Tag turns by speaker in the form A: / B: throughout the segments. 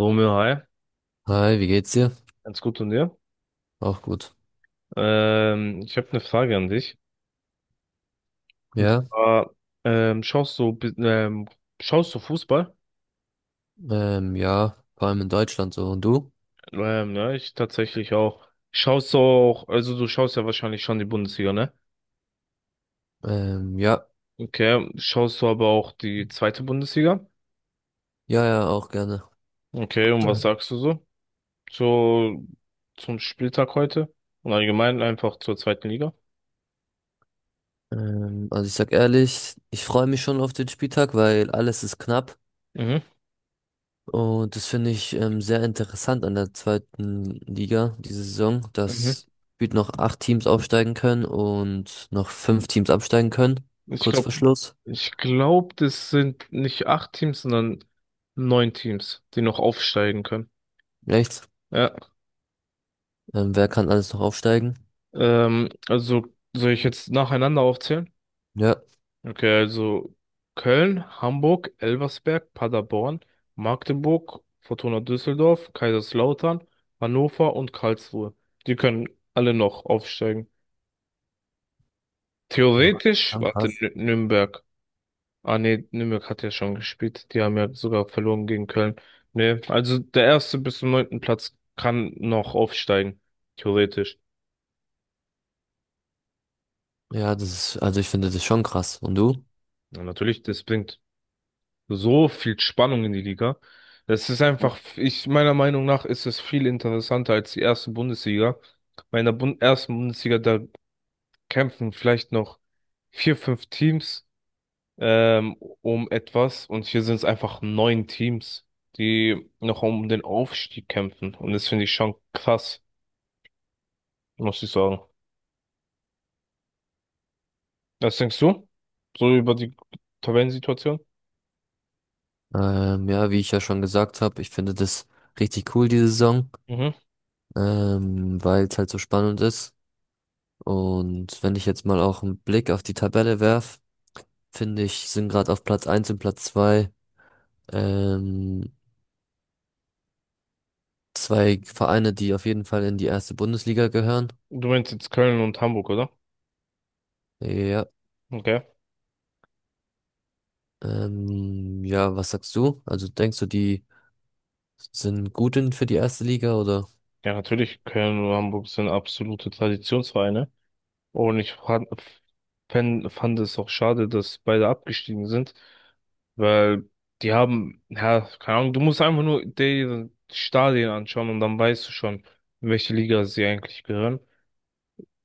A: Romeo, hi.
B: Hi, wie geht's dir?
A: Ganz gut und dir?
B: Auch gut.
A: Ich habe eine Frage an dich. Und
B: Ja,
A: zwar, schaust du, schaust du Fußball?
B: ja, vor allem in Deutschland so. Und du?
A: Ja, ich tatsächlich auch. Schaust du auch, also du schaust ja wahrscheinlich schon die Bundesliga, ne?
B: Ja,
A: Okay, schaust du aber auch die zweite Bundesliga?
B: ja, ja, auch gerne.
A: Okay, und was
B: Ja.
A: sagst du so zu, zum Spieltag heute? Und allgemein einfach zur zweiten Liga?
B: Also ich sag ehrlich, ich freue mich schon auf den Spieltag, weil alles ist knapp.
A: Mhm.
B: Und das finde ich sehr interessant an der zweiten Liga diese Saison,
A: Mhm.
B: dass gefühlt noch acht Teams aufsteigen können und noch fünf Teams absteigen können.
A: Ich
B: Kurz
A: glaube,
B: vor Schluss.
A: ich glaube, das sind nicht acht Teams, sondern neun Teams, die noch aufsteigen können.
B: Echt?
A: Ja.
B: Wer kann alles noch aufsteigen?
A: Also soll ich jetzt nacheinander aufzählen?
B: Ja.
A: Okay, also Köln, Hamburg, Elversberg, Paderborn, Magdeburg, Fortuna Düsseldorf, Kaiserslautern, Hannover und Karlsruhe. Die können alle noch aufsteigen.
B: Oha,
A: Theoretisch, warte,
B: krass.
A: Nürnberg. Ah nee, Nürnberg hat ja schon gespielt. Die haben ja sogar verloren gegen Köln. Nee, also der erste bis zum neunten Platz kann noch aufsteigen, theoretisch.
B: Ja, das ist, also ich finde das schon krass. Und du?
A: Ja, natürlich, das bringt so viel Spannung in die Liga. Das ist
B: Ja.
A: einfach, ich meiner Meinung nach ist es viel interessanter als die erste Bundesliga. Bei einer Bun ersten Bundesliga, da kämpfen vielleicht noch vier, fünf Teams ähm, um etwas und hier sind es einfach neun Teams, die noch um den Aufstieg kämpfen. Und das finde ich schon krass, muss ich sagen. Was denkst du? So über die Tabellensituation?
B: Ja, wie ich ja schon gesagt habe, ich finde das richtig cool, diese Saison,
A: Mhm.
B: weil es halt so spannend ist. Und wenn ich jetzt mal auch einen Blick auf die Tabelle werf, finde ich, sind gerade auf Platz eins und Platz 2 ähm, zwei Vereine, die auf jeden Fall in die erste Bundesliga gehören.
A: Du meinst jetzt Köln und Hamburg, oder?
B: Ja,
A: Okay.
B: ja, was sagst du? Also denkst du, die sind gut in für die erste Liga oder?
A: Ja, natürlich, Köln und Hamburg sind absolute Traditionsvereine. Und ich fand es auch schade, dass beide abgestiegen sind, weil die haben, ja, keine Ahnung, du musst einfach nur die Stadien anschauen und dann weißt du schon, in welche Liga sie eigentlich gehören.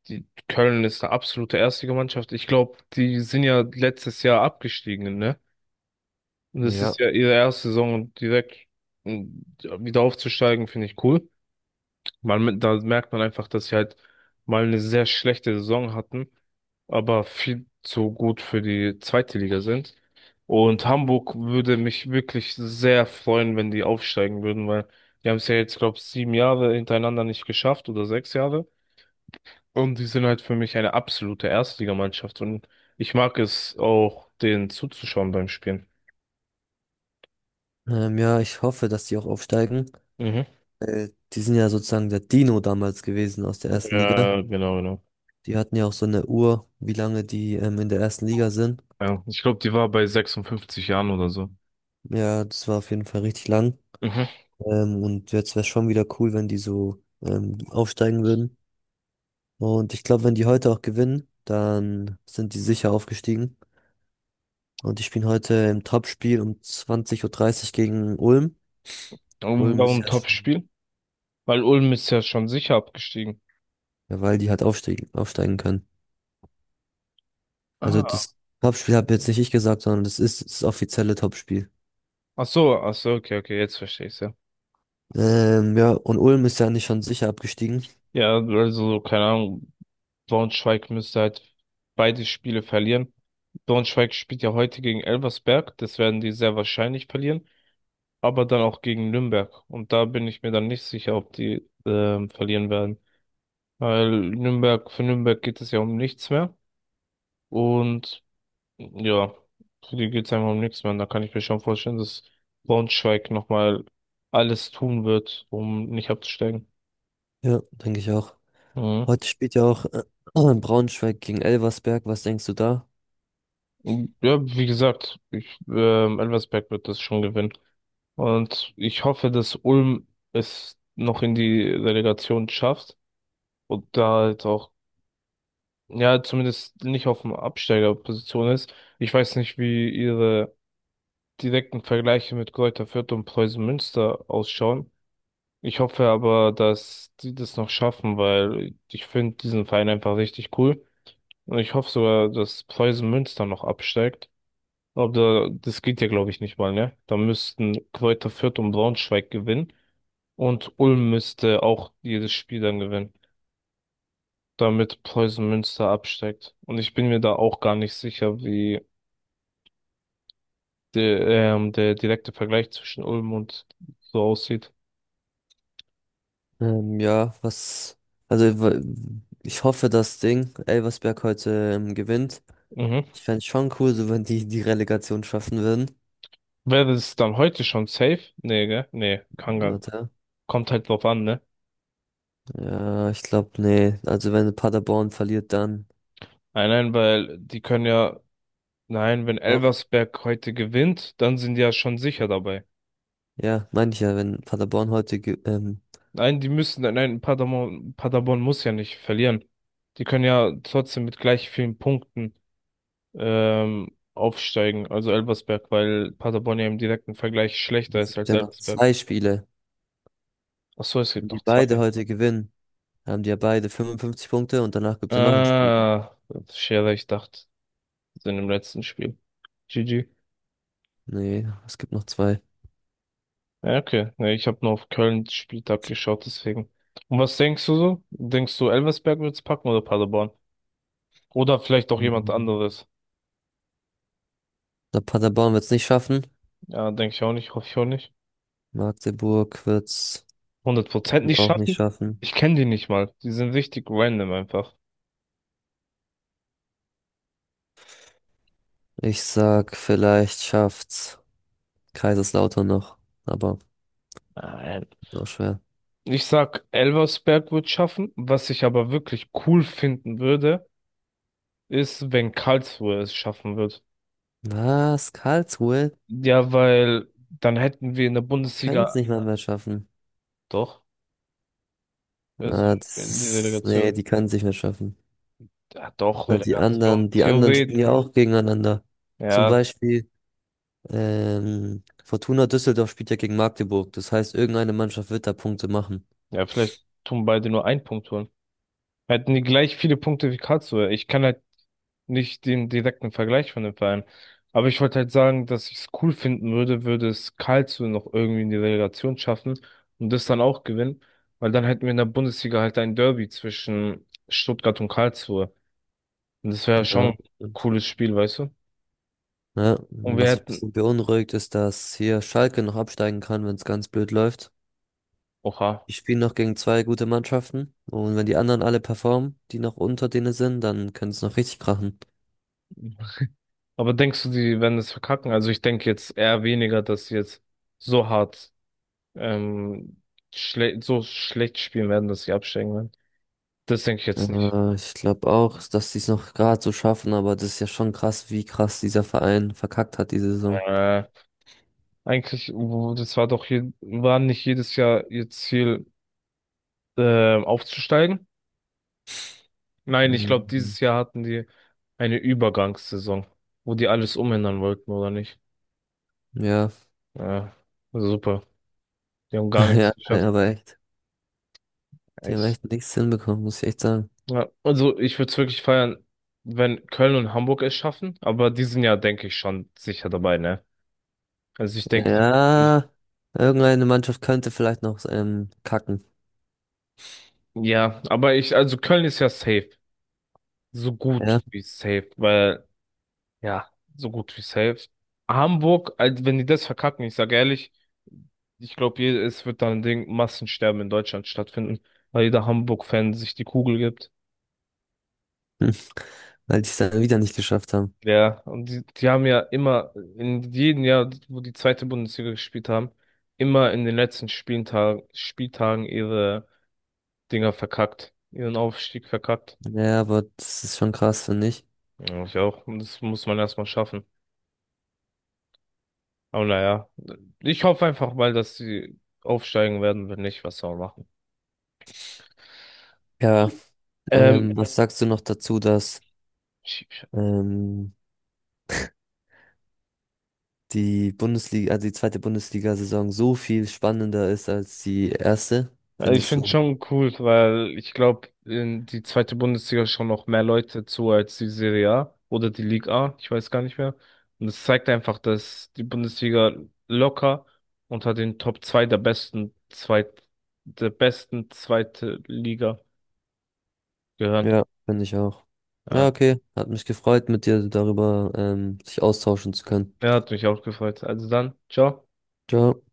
A: Die Köln ist eine absolute Erstligamannschaft. Ich glaube, die sind ja letztes Jahr abgestiegen, ne? Und das
B: Ja.
A: ist ja ihre erste Saison und direkt mm, wieder aufzusteigen, finde ich cool. Man, da merkt man einfach, dass sie halt mal eine sehr schlechte Saison hatten, aber viel zu gut für die zweite Liga sind. Und Hamburg würde mich wirklich sehr freuen, wenn die aufsteigen würden, weil die haben es ja jetzt, glaube ich, sieben Jahre hintereinander nicht geschafft oder sechs Jahre. Und die sind halt für mich eine absolute Erstligamannschaft. Und ich mag es auch, denen zuzuschauen beim Spielen.
B: Ja, ich hoffe, dass die auch aufsteigen.
A: Mhm.
B: Die sind ja sozusagen der Dino damals gewesen aus der ersten Liga.
A: Ja, genau, genau.
B: Die hatten ja auch so eine Uhr, wie lange die in der ersten Liga sind.
A: Ja, ich glaube, die war bei 56 Jahren oder so.
B: Ja, das war auf jeden Fall richtig lang.
A: Mhm.
B: Und jetzt wäre es schon wieder cool, wenn die so aufsteigen würden. Und ich glaube, wenn die heute auch gewinnen, dann sind die sicher aufgestiegen. Und die spielen heute im Topspiel um 20.30 Uhr dreißig gegen Ulm.
A: Und
B: Ulm ist
A: warum
B: ja schon,
A: Topspiel? Weil Ulm ist ja schon sicher abgestiegen.
B: ja, weil die halt aufsteigen können. Also
A: Ah,
B: das Topspiel habe jetzt nicht ich gesagt, sondern das ist das offizielle Topspiel.
A: ach so, okay, okay, jetzt verstehe ich's ja.
B: Ja, und Ulm ist ja nicht schon sicher abgestiegen.
A: Ja, also, keine Ahnung, Braunschweig müsste halt beide Spiele verlieren. Braunschweig spielt ja heute gegen Elversberg, das werden die sehr wahrscheinlich verlieren, aber dann auch gegen Nürnberg. Und da bin ich mir dann nicht sicher, ob die verlieren werden. Weil Nürnberg, für Nürnberg geht es ja um nichts mehr. Und ja, für die geht's einfach um nichts mehr. Und da kann ich mir schon vorstellen, dass Braunschweig nochmal alles tun wird, um nicht abzusteigen.
B: Ja, denke ich auch.
A: Mhm.
B: Heute spielt ja auch Braunschweig gegen Elversberg. Was denkst du da?
A: Und ja, wie gesagt, Elversberg wird das schon gewinnen. Und ich hoffe, dass Ulm es noch in die Relegation schafft und da halt auch, ja, zumindest nicht auf dem Absteigerposition ist. Ich weiß nicht, wie ihre direkten Vergleiche mit Greuther Fürth und Preußen Münster ausschauen. Ich hoffe aber, dass die das noch schaffen, weil ich finde diesen Verein einfach richtig cool. Und ich hoffe sogar, dass Preußen Münster noch absteigt. Aber das geht ja, glaube ich, nicht mal, ne? Da müssten Kräuter Fürth und Braunschweig gewinnen. Und Ulm müsste auch jedes Spiel dann gewinnen, damit Preußen Münster absteigt. Und ich bin mir da auch gar nicht sicher, wie der direkte Vergleich zwischen Ulm und so aussieht.
B: Ja, was. Also, ich hoffe, das Ding, Elversberg heute gewinnt.
A: Mhm.
B: Ich fände es schon cool, so wenn die die Relegation schaffen würden.
A: Wäre es dann heute schon safe? Nee, gell? Nee, kann gar
B: Warte.
A: kommt halt drauf an, ne?
B: Ja, ich glaube, nee. Also, wenn Paderborn verliert, dann.
A: Nein, nein, weil die können ja, nein, wenn
B: Doch.
A: Elversberg heute gewinnt, dann sind die ja schon sicher dabei.
B: Ja, meine ich ja, wenn Paderborn heute
A: Nein, die müssen, nein, Paderborn muss ja nicht verlieren. Die können ja trotzdem mit gleich vielen Punkten aufsteigen, also Elversberg, weil Paderborn ja im direkten Vergleich schlechter
B: Es
A: ist
B: gibt
A: als
B: ja noch
A: Elversberg.
B: zwei Spiele.
A: Ach so, es
B: Wenn
A: gibt
B: die
A: noch
B: beide
A: zwei.
B: heute gewinnen, haben die ja beide 55 Punkte und danach gibt es ja noch ein Spiel.
A: Ah, Scherer, ich dachte, sind im letzten Spiel. GG.
B: Nee, es gibt noch zwei.
A: Ja, okay. Ja, ich habe nur auf Köln Spieltag geschaut, deswegen. Und was denkst du so? Denkst du, Elversberg wird's packen oder Paderborn? Oder vielleicht auch jemand
B: Mhm.
A: anderes?
B: Der Paderborn wird es nicht schaffen.
A: Ja, denke ich auch nicht, hoffe ich auch nicht.
B: Magdeburg wird es
A: Hundert Prozent nicht
B: auch nicht
A: schaffen?
B: schaffen.
A: Ich kenne die nicht mal. Die sind richtig random einfach.
B: Ich sag, vielleicht schafft's Kaiserslautern noch. Aber
A: Nein.
B: ist auch schwer.
A: Ich sag, Elversberg wird schaffen. Was ich aber wirklich cool finden würde, ist, wenn Karlsruhe es schaffen wird.
B: Was? Karlsruhe?
A: Ja, weil dann hätten wir in der
B: Können
A: Bundesliga
B: es nicht mal mehr schaffen.
A: doch, also
B: Ah, das
A: in die
B: ist. Nee,
A: Relegation.
B: die können es nicht mehr schaffen.
A: Ja, doch,
B: Weil die
A: Relegation,
B: anderen, die anderen
A: Theorie.
B: spielen ja auch gegeneinander. Zum
A: Ja,
B: Beispiel. Fortuna Düsseldorf spielt ja gegen Magdeburg. Das heißt, irgendeine Mannschaft wird da Punkte machen.
A: ja, vielleicht tun beide nur einen Punkt holen. Hätten die gleich viele Punkte wie Karlsruhe. Ich kann halt nicht den direkten Vergleich von den Vereinen. Aber ich wollte halt sagen, dass ich es cool finden würde, würde es Karlsruhe noch irgendwie in die Relegation schaffen und das dann auch gewinnen. Weil dann hätten wir in der Bundesliga halt ein Derby zwischen Stuttgart und Karlsruhe. Und das wäre schon
B: Ja.
A: ein
B: Und,
A: cooles Spiel, weißt du?
B: ne,
A: Und wir
B: was mich ein
A: hätten,
B: bisschen beunruhigt, ist, dass hier Schalke noch absteigen kann, wenn es ganz blöd läuft.
A: oha.
B: Die spielen noch gegen zwei gute Mannschaften. Und wenn die anderen alle performen, die noch unter denen sind, dann können es noch richtig krachen.
A: Aber denkst du, die werden es verkacken? Also ich denke jetzt eher weniger, dass sie jetzt so hart, ähm, schle so schlecht spielen werden, dass sie absteigen werden. Das denke ich jetzt nicht.
B: Ich glaube auch, dass die es noch gerade so schaffen, aber das ist ja schon krass, wie krass dieser Verein verkackt hat diese Saison.
A: Äh, eigentlich, das war doch hier, war nicht jedes Jahr ihr Ziel, aufzusteigen. Nein, ich glaube,
B: Mhm.
A: dieses Jahr hatten die eine Übergangssaison, wo die alles umändern wollten, oder nicht?
B: Ja,
A: Ja, super. Die haben gar
B: ja,
A: nichts geschafft.
B: aber echt. Die haben echt nichts hinbekommen, muss ich echt sagen.
A: Ja, also ich würde es wirklich feiern, wenn Köln und Hamburg es schaffen, aber die sind ja, denke ich, schon sicher dabei, ne? Also ich denke,
B: Ja, irgendeine Mannschaft könnte vielleicht noch kacken.
A: ja, aber ich, also Köln ist ja safe, so gut
B: Ja,
A: wie safe, weil, ja, so gut wie safe. Hamburg, also wenn die das verkacken, ich sage ehrlich, ich glaube, es wird dann ein Ding, Massensterben in Deutschland stattfinden, weil jeder Hamburg-Fan sich die Kugel gibt.
B: hm, weil die es dann wieder nicht geschafft haben.
A: Ja, und die haben ja immer, in jedem Jahr, wo die zweite Bundesliga gespielt haben, immer in den letzten Spieltagen ihre Dinger verkackt, ihren Aufstieg verkackt.
B: Ja, aber das ist schon krass, finde ich.
A: Ja, ich auch. Und das muss man erstmal schaffen. Aber naja, ich hoffe einfach mal, dass sie aufsteigen werden, wenn nicht, was soll man machen.
B: Ja,
A: Ähm,
B: was sagst du noch dazu, dass ähm, die Bundesliga, also die zweite Bundesliga-Saison so viel spannender ist als die erste?
A: Also ich
B: Findest
A: finde es
B: du?
A: schon cool, weil ich glaube, die zweite Bundesliga schauen noch mehr Leute zu als die Serie A oder die Liga A, ich weiß gar nicht mehr. Und es zeigt einfach, dass die Bundesliga locker unter den Top 2 der besten zweit der besten zweite Liga gehört.
B: Ja, finde ich auch. Ja,
A: Ja,
B: okay. Hat mich gefreut, mit dir darüber sich austauschen zu können.
A: ja, hat mich auch gefreut. Also dann, ciao.
B: Ciao.